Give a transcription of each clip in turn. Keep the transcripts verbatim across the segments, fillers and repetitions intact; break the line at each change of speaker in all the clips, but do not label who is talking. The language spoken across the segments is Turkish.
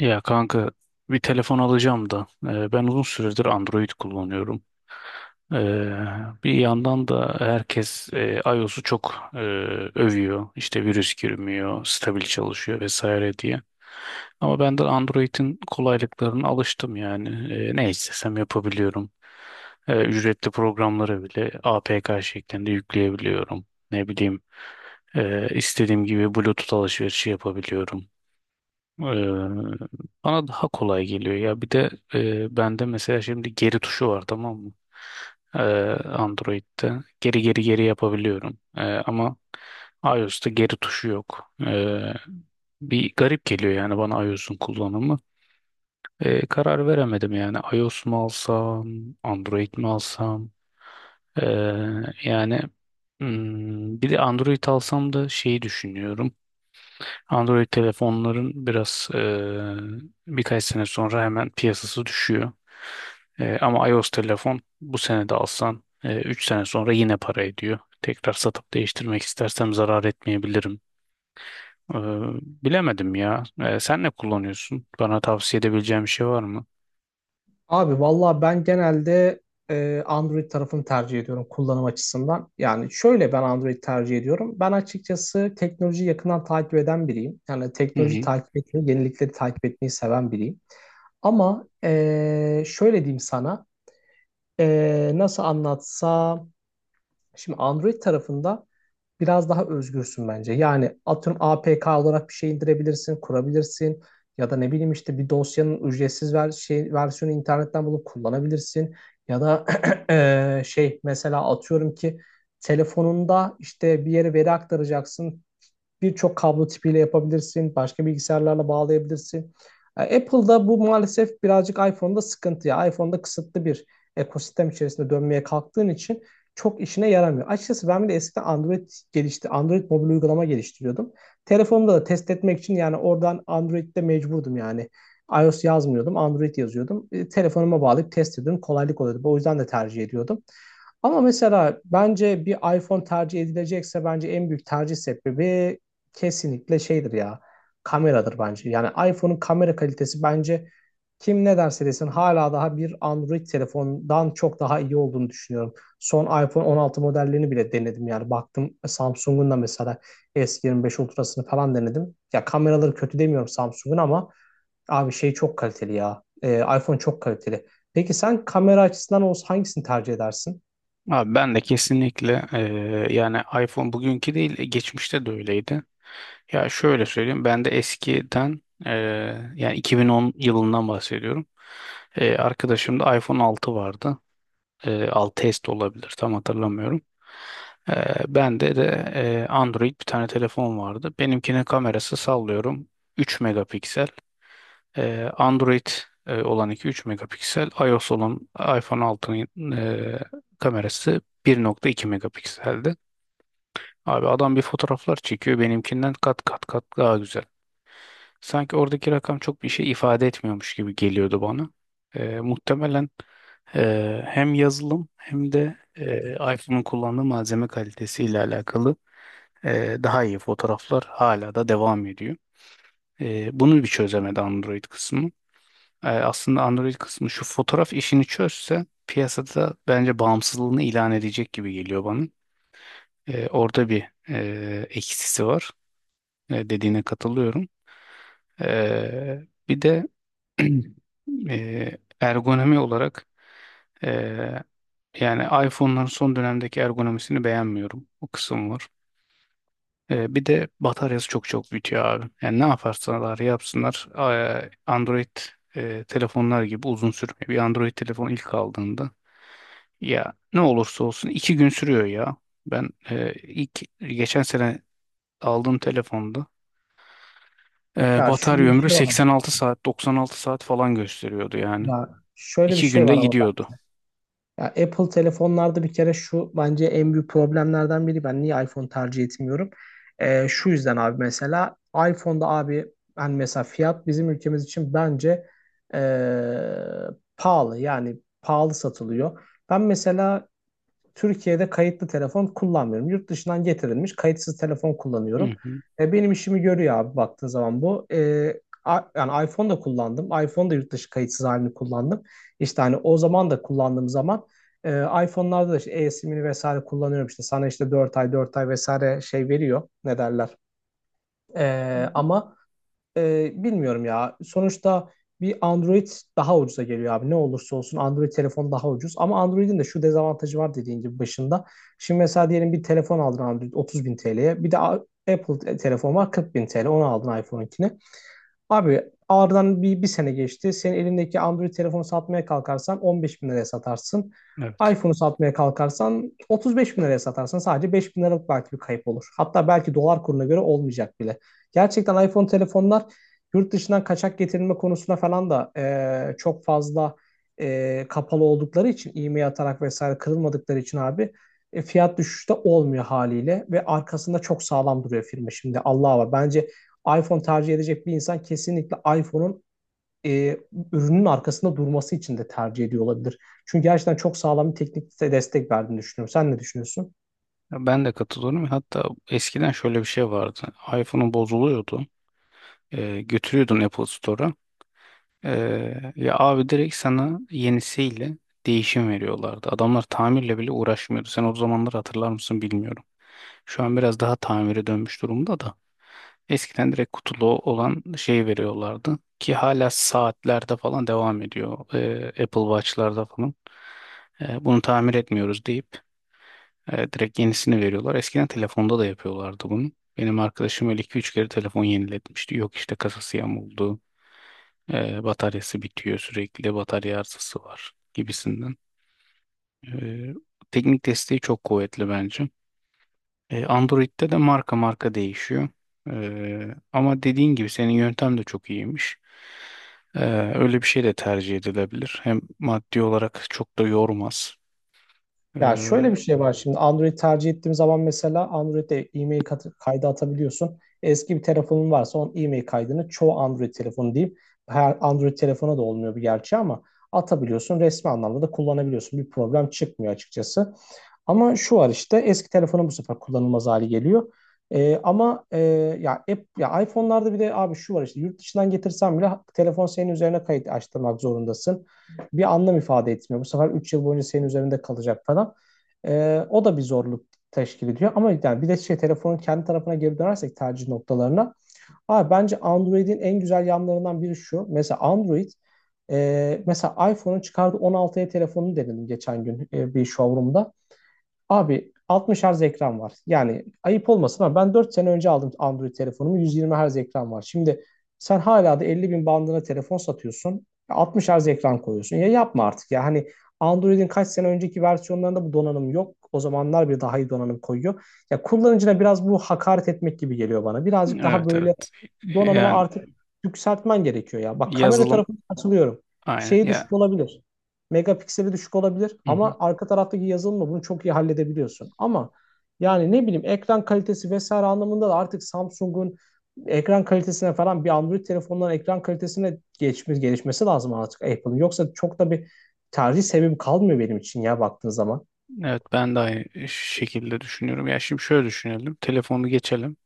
Ya kanka, bir telefon alacağım da e, ben uzun süredir Android kullanıyorum. E, Bir yandan da herkes e, iOS'u çok e, övüyor. İşte virüs girmiyor, stabil çalışıyor vesaire diye. Ama ben de Android'in kolaylıklarına alıştım yani. E, ne istesem yapabiliyorum. E, ücretli programları bile A P K şeklinde yükleyebiliyorum. Ne bileyim, e, istediğim gibi Bluetooth alışverişi yapabiliyorum. Eee, Bana daha kolay geliyor ya. Bir de eee, bende mesela şimdi geri tuşu var, tamam mı? Eee, Android'de geri geri geri yapabiliyorum. Eee, ama iOS'ta geri tuşu yok. Eee, bir garip geliyor yani bana iOS'un kullanımı. Eee, karar veremedim yani, iOS mu alsam, Android mi alsam? Eee, yani hmm, bir de Android alsam da şeyi düşünüyorum. Android telefonların biraz eee, birkaç sene sonra hemen piyasası düşüyor. Eee, ama iOS telefon bu sene de alsan üç sene sonra yine para ediyor. Tekrar satıp değiştirmek istersem zarar etmeyebilirim. Eee, Bilemedim ya. Eee, sen ne kullanıyorsun? Bana tavsiye edebileceğin bir şey var mı?
Abi valla ben genelde e, Android tarafını tercih ediyorum kullanım açısından. Yani şöyle ben Android tercih ediyorum. Ben açıkçası teknolojiyi yakından takip eden biriyim. Yani
Hı
teknoloji
hı.
takip etmeyi, yenilikleri takip etmeyi seven biriyim. Ama e, şöyle diyeyim sana, e, nasıl anlatsam, şimdi Android tarafında biraz daha özgürsün bence. Yani atıyorum A P K olarak bir şey indirebilirsin, kurabilirsin ya da ne bileyim işte bir dosyanın ücretsiz ver şey versiyonu internetten bulup kullanabilirsin ya da eee, şey mesela atıyorum ki telefonunda işte bir yere veri aktaracaksın birçok kablo tipiyle yapabilirsin. Başka bilgisayarlarla bağlayabilirsin. E, Apple'da bu maalesef birazcık iPhone'da sıkıntı ya. iPhone'da kısıtlı bir ekosistem içerisinde dönmeye kalktığın için çok işine yaramıyor. Açıkçası ben bile eskiden Android gelişti. Android mobil uygulama geliştiriyordum. Telefonumda da test etmek için yani oradan Android'de mecburdum yani. iOS yazmıyordum, Android yazıyordum. E, telefonuma bağlayıp test ediyordum. Kolaylık oluyordu. O yüzden de tercih ediyordum. Ama mesela bence bir iPhone tercih edilecekse bence en büyük tercih sebebi kesinlikle şeydir ya. Kameradır bence. Yani iPhone'un kamera kalitesi bence kim ne derse desin hala daha bir Android telefondan çok daha iyi olduğunu düşünüyorum. Son iPhone on altı modellerini bile denedim yani. Baktım e, Samsung'un da mesela S yirmi beş Ultra'sını falan denedim. Ya kameraları kötü demiyorum Samsung'un ama abi şey çok kaliteli ya. Ee, iPhone çok kaliteli. Peki sen kamera açısından olsa hangisini tercih edersin?
Abi, ben de kesinlikle eee, yani iPhone bugünkü değil, geçmişte de öyleydi. Ya şöyle söyleyeyim, ben de eskiden eee, yani iki bin on yılından bahsediyorum. Eee arkadaşımda iPhone altı vardı. Eee altı S de olabilir, tam hatırlamıyorum. Eee bende de eee, Android bir tane telefon vardı. Benimkinin kamerası sallıyorum üç megapiksel. Ee, Android e, olan iki üç megapiksel, iOS olan iPhone altının e, kamerası bir nokta iki megapikseldi. Abi, adam bir fotoğraflar çekiyor, benimkinden kat kat kat daha güzel. Sanki oradaki rakam çok bir şey ifade etmiyormuş gibi geliyordu bana. Ee, muhtemelen e, hem yazılım hem de e, iPhone'un kullandığı malzeme kalitesiyle alakalı e, daha iyi fotoğraflar, hala da devam ediyor. E, bunu bir çözemedi Android kısmı. E, aslında Android kısmı şu fotoğraf işini çözse, piyasada bence bağımsızlığını ilan edecek gibi geliyor bana. E, orada bir e, eksisi var. E, dediğine katılıyorum. E, Bir de e, ergonomi olarak, e, yani iPhone'ların son dönemdeki ergonomisini beğenmiyorum. O kısım var. E, bir de bataryası çok çok bitiyor abi. Yani ne yaparsalar yapsınlar, e, Android e, telefonlar gibi uzun sürmüyor. Bir Android telefon ilk aldığında, ya ne olursa olsun iki gün sürüyor ya. Ben e, ilk geçen sene aldığım telefonda e,
Ya şöyle
batarya
bir
ömrü
şey var. Ama-
seksen altı saat, doksan altı saat falan gösteriyordu yani.
Ya şöyle bir
İki
şey
günde
var ama
gidiyordu.
ya Apple telefonlarda bir kere şu bence en büyük problemlerden biri. Ben niye iPhone tercih etmiyorum? Ee, şu yüzden abi mesela iPhone'da abi hani mesela fiyat bizim ülkemiz için bence ee, pahalı yani pahalı satılıyor. Ben mesela Türkiye'de kayıtlı telefon kullanmıyorum. Yurt dışından getirilmiş kayıtsız telefon
Hı
kullanıyorum.
hı,
E, benim işimi görüyor abi baktığın zaman bu. E, a- yani iPhone da kullandım. iPhone da yurt dışı kayıtsız halini kullandım. İşte hani o zaman da kullandığım zaman e, iPhone'larda da işte e-simini vesaire kullanıyorum. İşte sana işte dört ay dört ay vesaire şey veriyor. Ne derler? E, ama ee, bilmiyorum ya. Sonuçta bir Android daha ucuza geliyor abi. Ne olursa olsun Android telefon daha ucuz. Ama Android'in de şu dezavantajı var dediğin gibi başında. Şimdi mesela diyelim bir telefon aldın Android otuz bin T L'ye. Bir de A- Apple te- telefon var kırk bin T L. Onu aldın iPhone'unkini. Abi aradan bir, bir sene geçti. Senin elindeki Android telefonu satmaya kalkarsan on beş bin liraya satarsın.
evet.
iPhone'u satmaya kalkarsan otuz beş bin liraya satarsın. Sadece beş bin liralık belki bir kayıp olur. Hatta belki dolar kuruna göre olmayacak bile. Gerçekten iPhone telefonlar yurt dışından kaçak getirilme konusuna falan da e, çok fazla e, kapalı oldukları için e-mail atarak vesaire kırılmadıkları için abi e, fiyat düşüşü de olmuyor haliyle ve arkasında çok sağlam duruyor firma şimdi Allah'a var. Bence iPhone tercih edecek bir insan kesinlikle iPhone'un e, ürünün arkasında durması için de tercih ediyor olabilir. Çünkü gerçekten çok sağlam bir teknik destek verdiğini düşünüyorum. Sen ne düşünüyorsun?
Ya, ben de katılıyorum. Hatta eskiden şöyle bir şey vardı. iPhone'un bozuluyordu. Ee, götürüyordun Apple Store'a. Ee, ya abi, direkt sana yenisiyle değişim veriyorlardı. Adamlar tamirle bile uğraşmıyordu. Sen o zamanları hatırlar mısın, bilmiyorum. Şu an biraz daha tamire dönmüş durumda da. Eskiden direkt kutulu olan şey veriyorlardı. Ki hala saatlerde falan devam ediyor. Ee, Apple Watch'larda falan. Ee, bunu tamir etmiyoruz deyip evet, direkt yenisini veriyorlar. Eskiden telefonda da yapıyorlardı bunu. Benim arkadaşım öyle iki üç kere telefon yeniletmişti. Yok işte, kasası yamuldu, e, bataryası bitiyor sürekli, batarya arızası var gibisinden. E, Teknik desteği çok kuvvetli bence. E, Android'de de marka marka değişiyor. E, ama dediğin gibi, senin yöntem de çok iyiymiş. E, Öyle bir şey de tercih edilebilir. Hem maddi olarak çok da yormaz. E,
Ya şöyle bir şey var şimdi Android tercih ettiğim zaman mesela Android'e e-mail kat- kaydı atabiliyorsun. Eski bir telefonun varsa onun e-mail kaydını çoğu Android telefonu diyeyim. Her Android telefona da olmuyor bir gerçi ama atabiliyorsun. Resmi anlamda da kullanabiliyorsun. Bir problem çıkmıyor açıkçası. Ama şu var işte eski telefonun bu sefer kullanılmaz hali geliyor. Ee, ama e, ya, app, ya iPhone'larda bir de abi şu var işte yurt dışından getirsen bile telefon senin üzerine kayıt açtırmak zorundasın. Bir anlam ifade etmiyor. Bu sefer üç yıl boyunca senin üzerinde kalacak falan. Ee, o da bir zorluk teşkil ediyor. Ama yani bir de şey telefonun kendi tarafına geri dönersek tercih noktalarına. Abi bence Android'in en güzel yanlarından biri şu. Mesela Android e, mesela iPhone'un çıkardığı on altıya telefonunu denedim geçen gün e, bir showroom'da. Abi altmış Hz ekran var. Yani ayıp olmasın ama ben dört sene önce aldım Android telefonumu. Yüz yirmi Hz ekran var. Şimdi sen hala da elli bin bandına telefon satıyorsun. Altmış Hz ekran koyuyorsun. Ya yapma artık ya. Hani Android'in kaç sene önceki versiyonlarında bu donanım yok. O zamanlar bir daha iyi donanım koyuyor. Ya kullanıcına biraz bu hakaret etmek gibi geliyor bana. Birazcık daha
evet,
böyle
evet.
donanımı
Yani
artık yükseltmen gerekiyor ya. Bak kamera
yazılım.
tarafına katılıyorum.
Aynen
Şeyi
ya.
düşük olabilir megapikseli düşük olabilir
Hı hı.
ama arka taraftaki yazılımla bunu çok iyi halledebiliyorsun. Ama yani ne bileyim ekran kalitesi vesaire anlamında da artık Samsung'un ekran kalitesine falan bir Android telefonların ekran kalitesine geçmiş gelişmesi lazım artık Apple'ın. Yoksa çok da bir tercih sebebim kalmıyor benim için ya baktığın zaman.
Evet, ben de aynı şekilde düşünüyorum. Ya, şimdi şöyle düşünelim. Telefonu geçelim.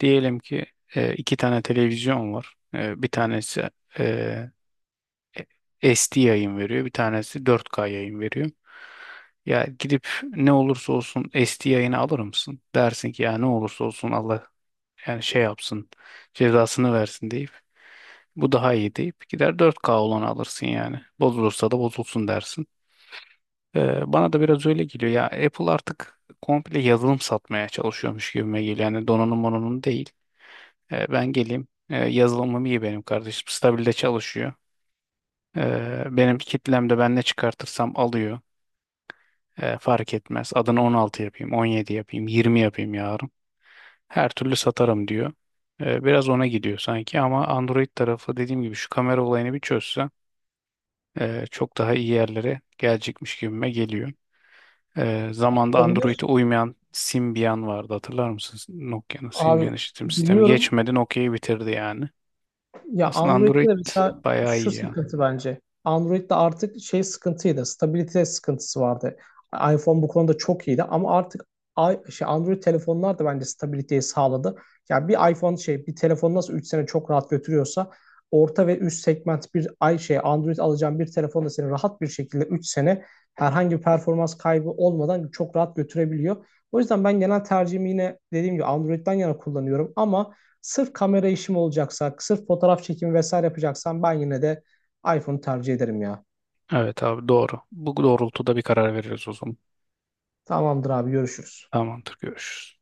Diyelim ki e, iki tane televizyon var. E, bir tanesi e, S D yayın veriyor. Bir tanesi dört K yayın veriyor. Ya gidip ne olursa olsun S D yayını alır mısın? Dersin ki ya ne olursa olsun, Allah yani şey yapsın, cezasını versin deyip, bu daha iyi deyip gider dört K olanı alırsın yani. Bozulursa da bozulsun dersin. Ee, bana da biraz öyle geliyor. Ya, Apple artık komple yazılım satmaya çalışıyormuş gibime geliyor. Yani donanım onun değil. Ee, ben geleyim. Ee, yazılımım iyi benim kardeşim. Stabilde çalışıyor. Ee, benim kitlemde ben ne çıkartırsam alıyor. Ee, fark etmez. Adını on altı yapayım, on yedi yapayım, yirmi yapayım yarın. Her türlü satarım diyor. Ee, biraz ona gidiyor sanki ama Android tarafı, dediğim gibi, şu kamera olayını bir çözse e, çok daha iyi yerlere gelecekmiş gibime geliyor. Ee, zamanda Android'e
Olabilir.
uymayan Symbian vardı, hatırlar mısınız? Nokia'nın Symbian
Abi
işletim sistemi
biliyorum
geçmedi, Nokia'yı bitirdi yani.
ya
Aslında Android
Android'de de mesela
bayağı
şu
iyi ya.
sıkıntı bence. Android'de artık şey sıkıntıydı. Stabilite sıkıntısı vardı. iPhone bu konuda çok iyiydi ama artık i- şey Android telefonlar da bence stabiliteyi sağladı. Ya bir iPhone şey bir telefon nasıl üç sene çok rahat götürüyorsa orta ve üst segment bir ay şey Android alacağın bir telefon da seni rahat bir şekilde üç sene herhangi bir performans kaybı olmadan çok rahat götürebiliyor. O yüzden ben genel tercihimi yine dediğim gibi Android'den yana kullanıyorum ama sırf kamera işim olacaksa, sırf fotoğraf çekimi vesaire yapacaksam ben yine de iPhone'u tercih ederim ya.
Evet abi, doğru. Bu doğrultuda bir karar veririz o zaman.
Tamamdır abi görüşürüz.
Tamamdır, görüşürüz.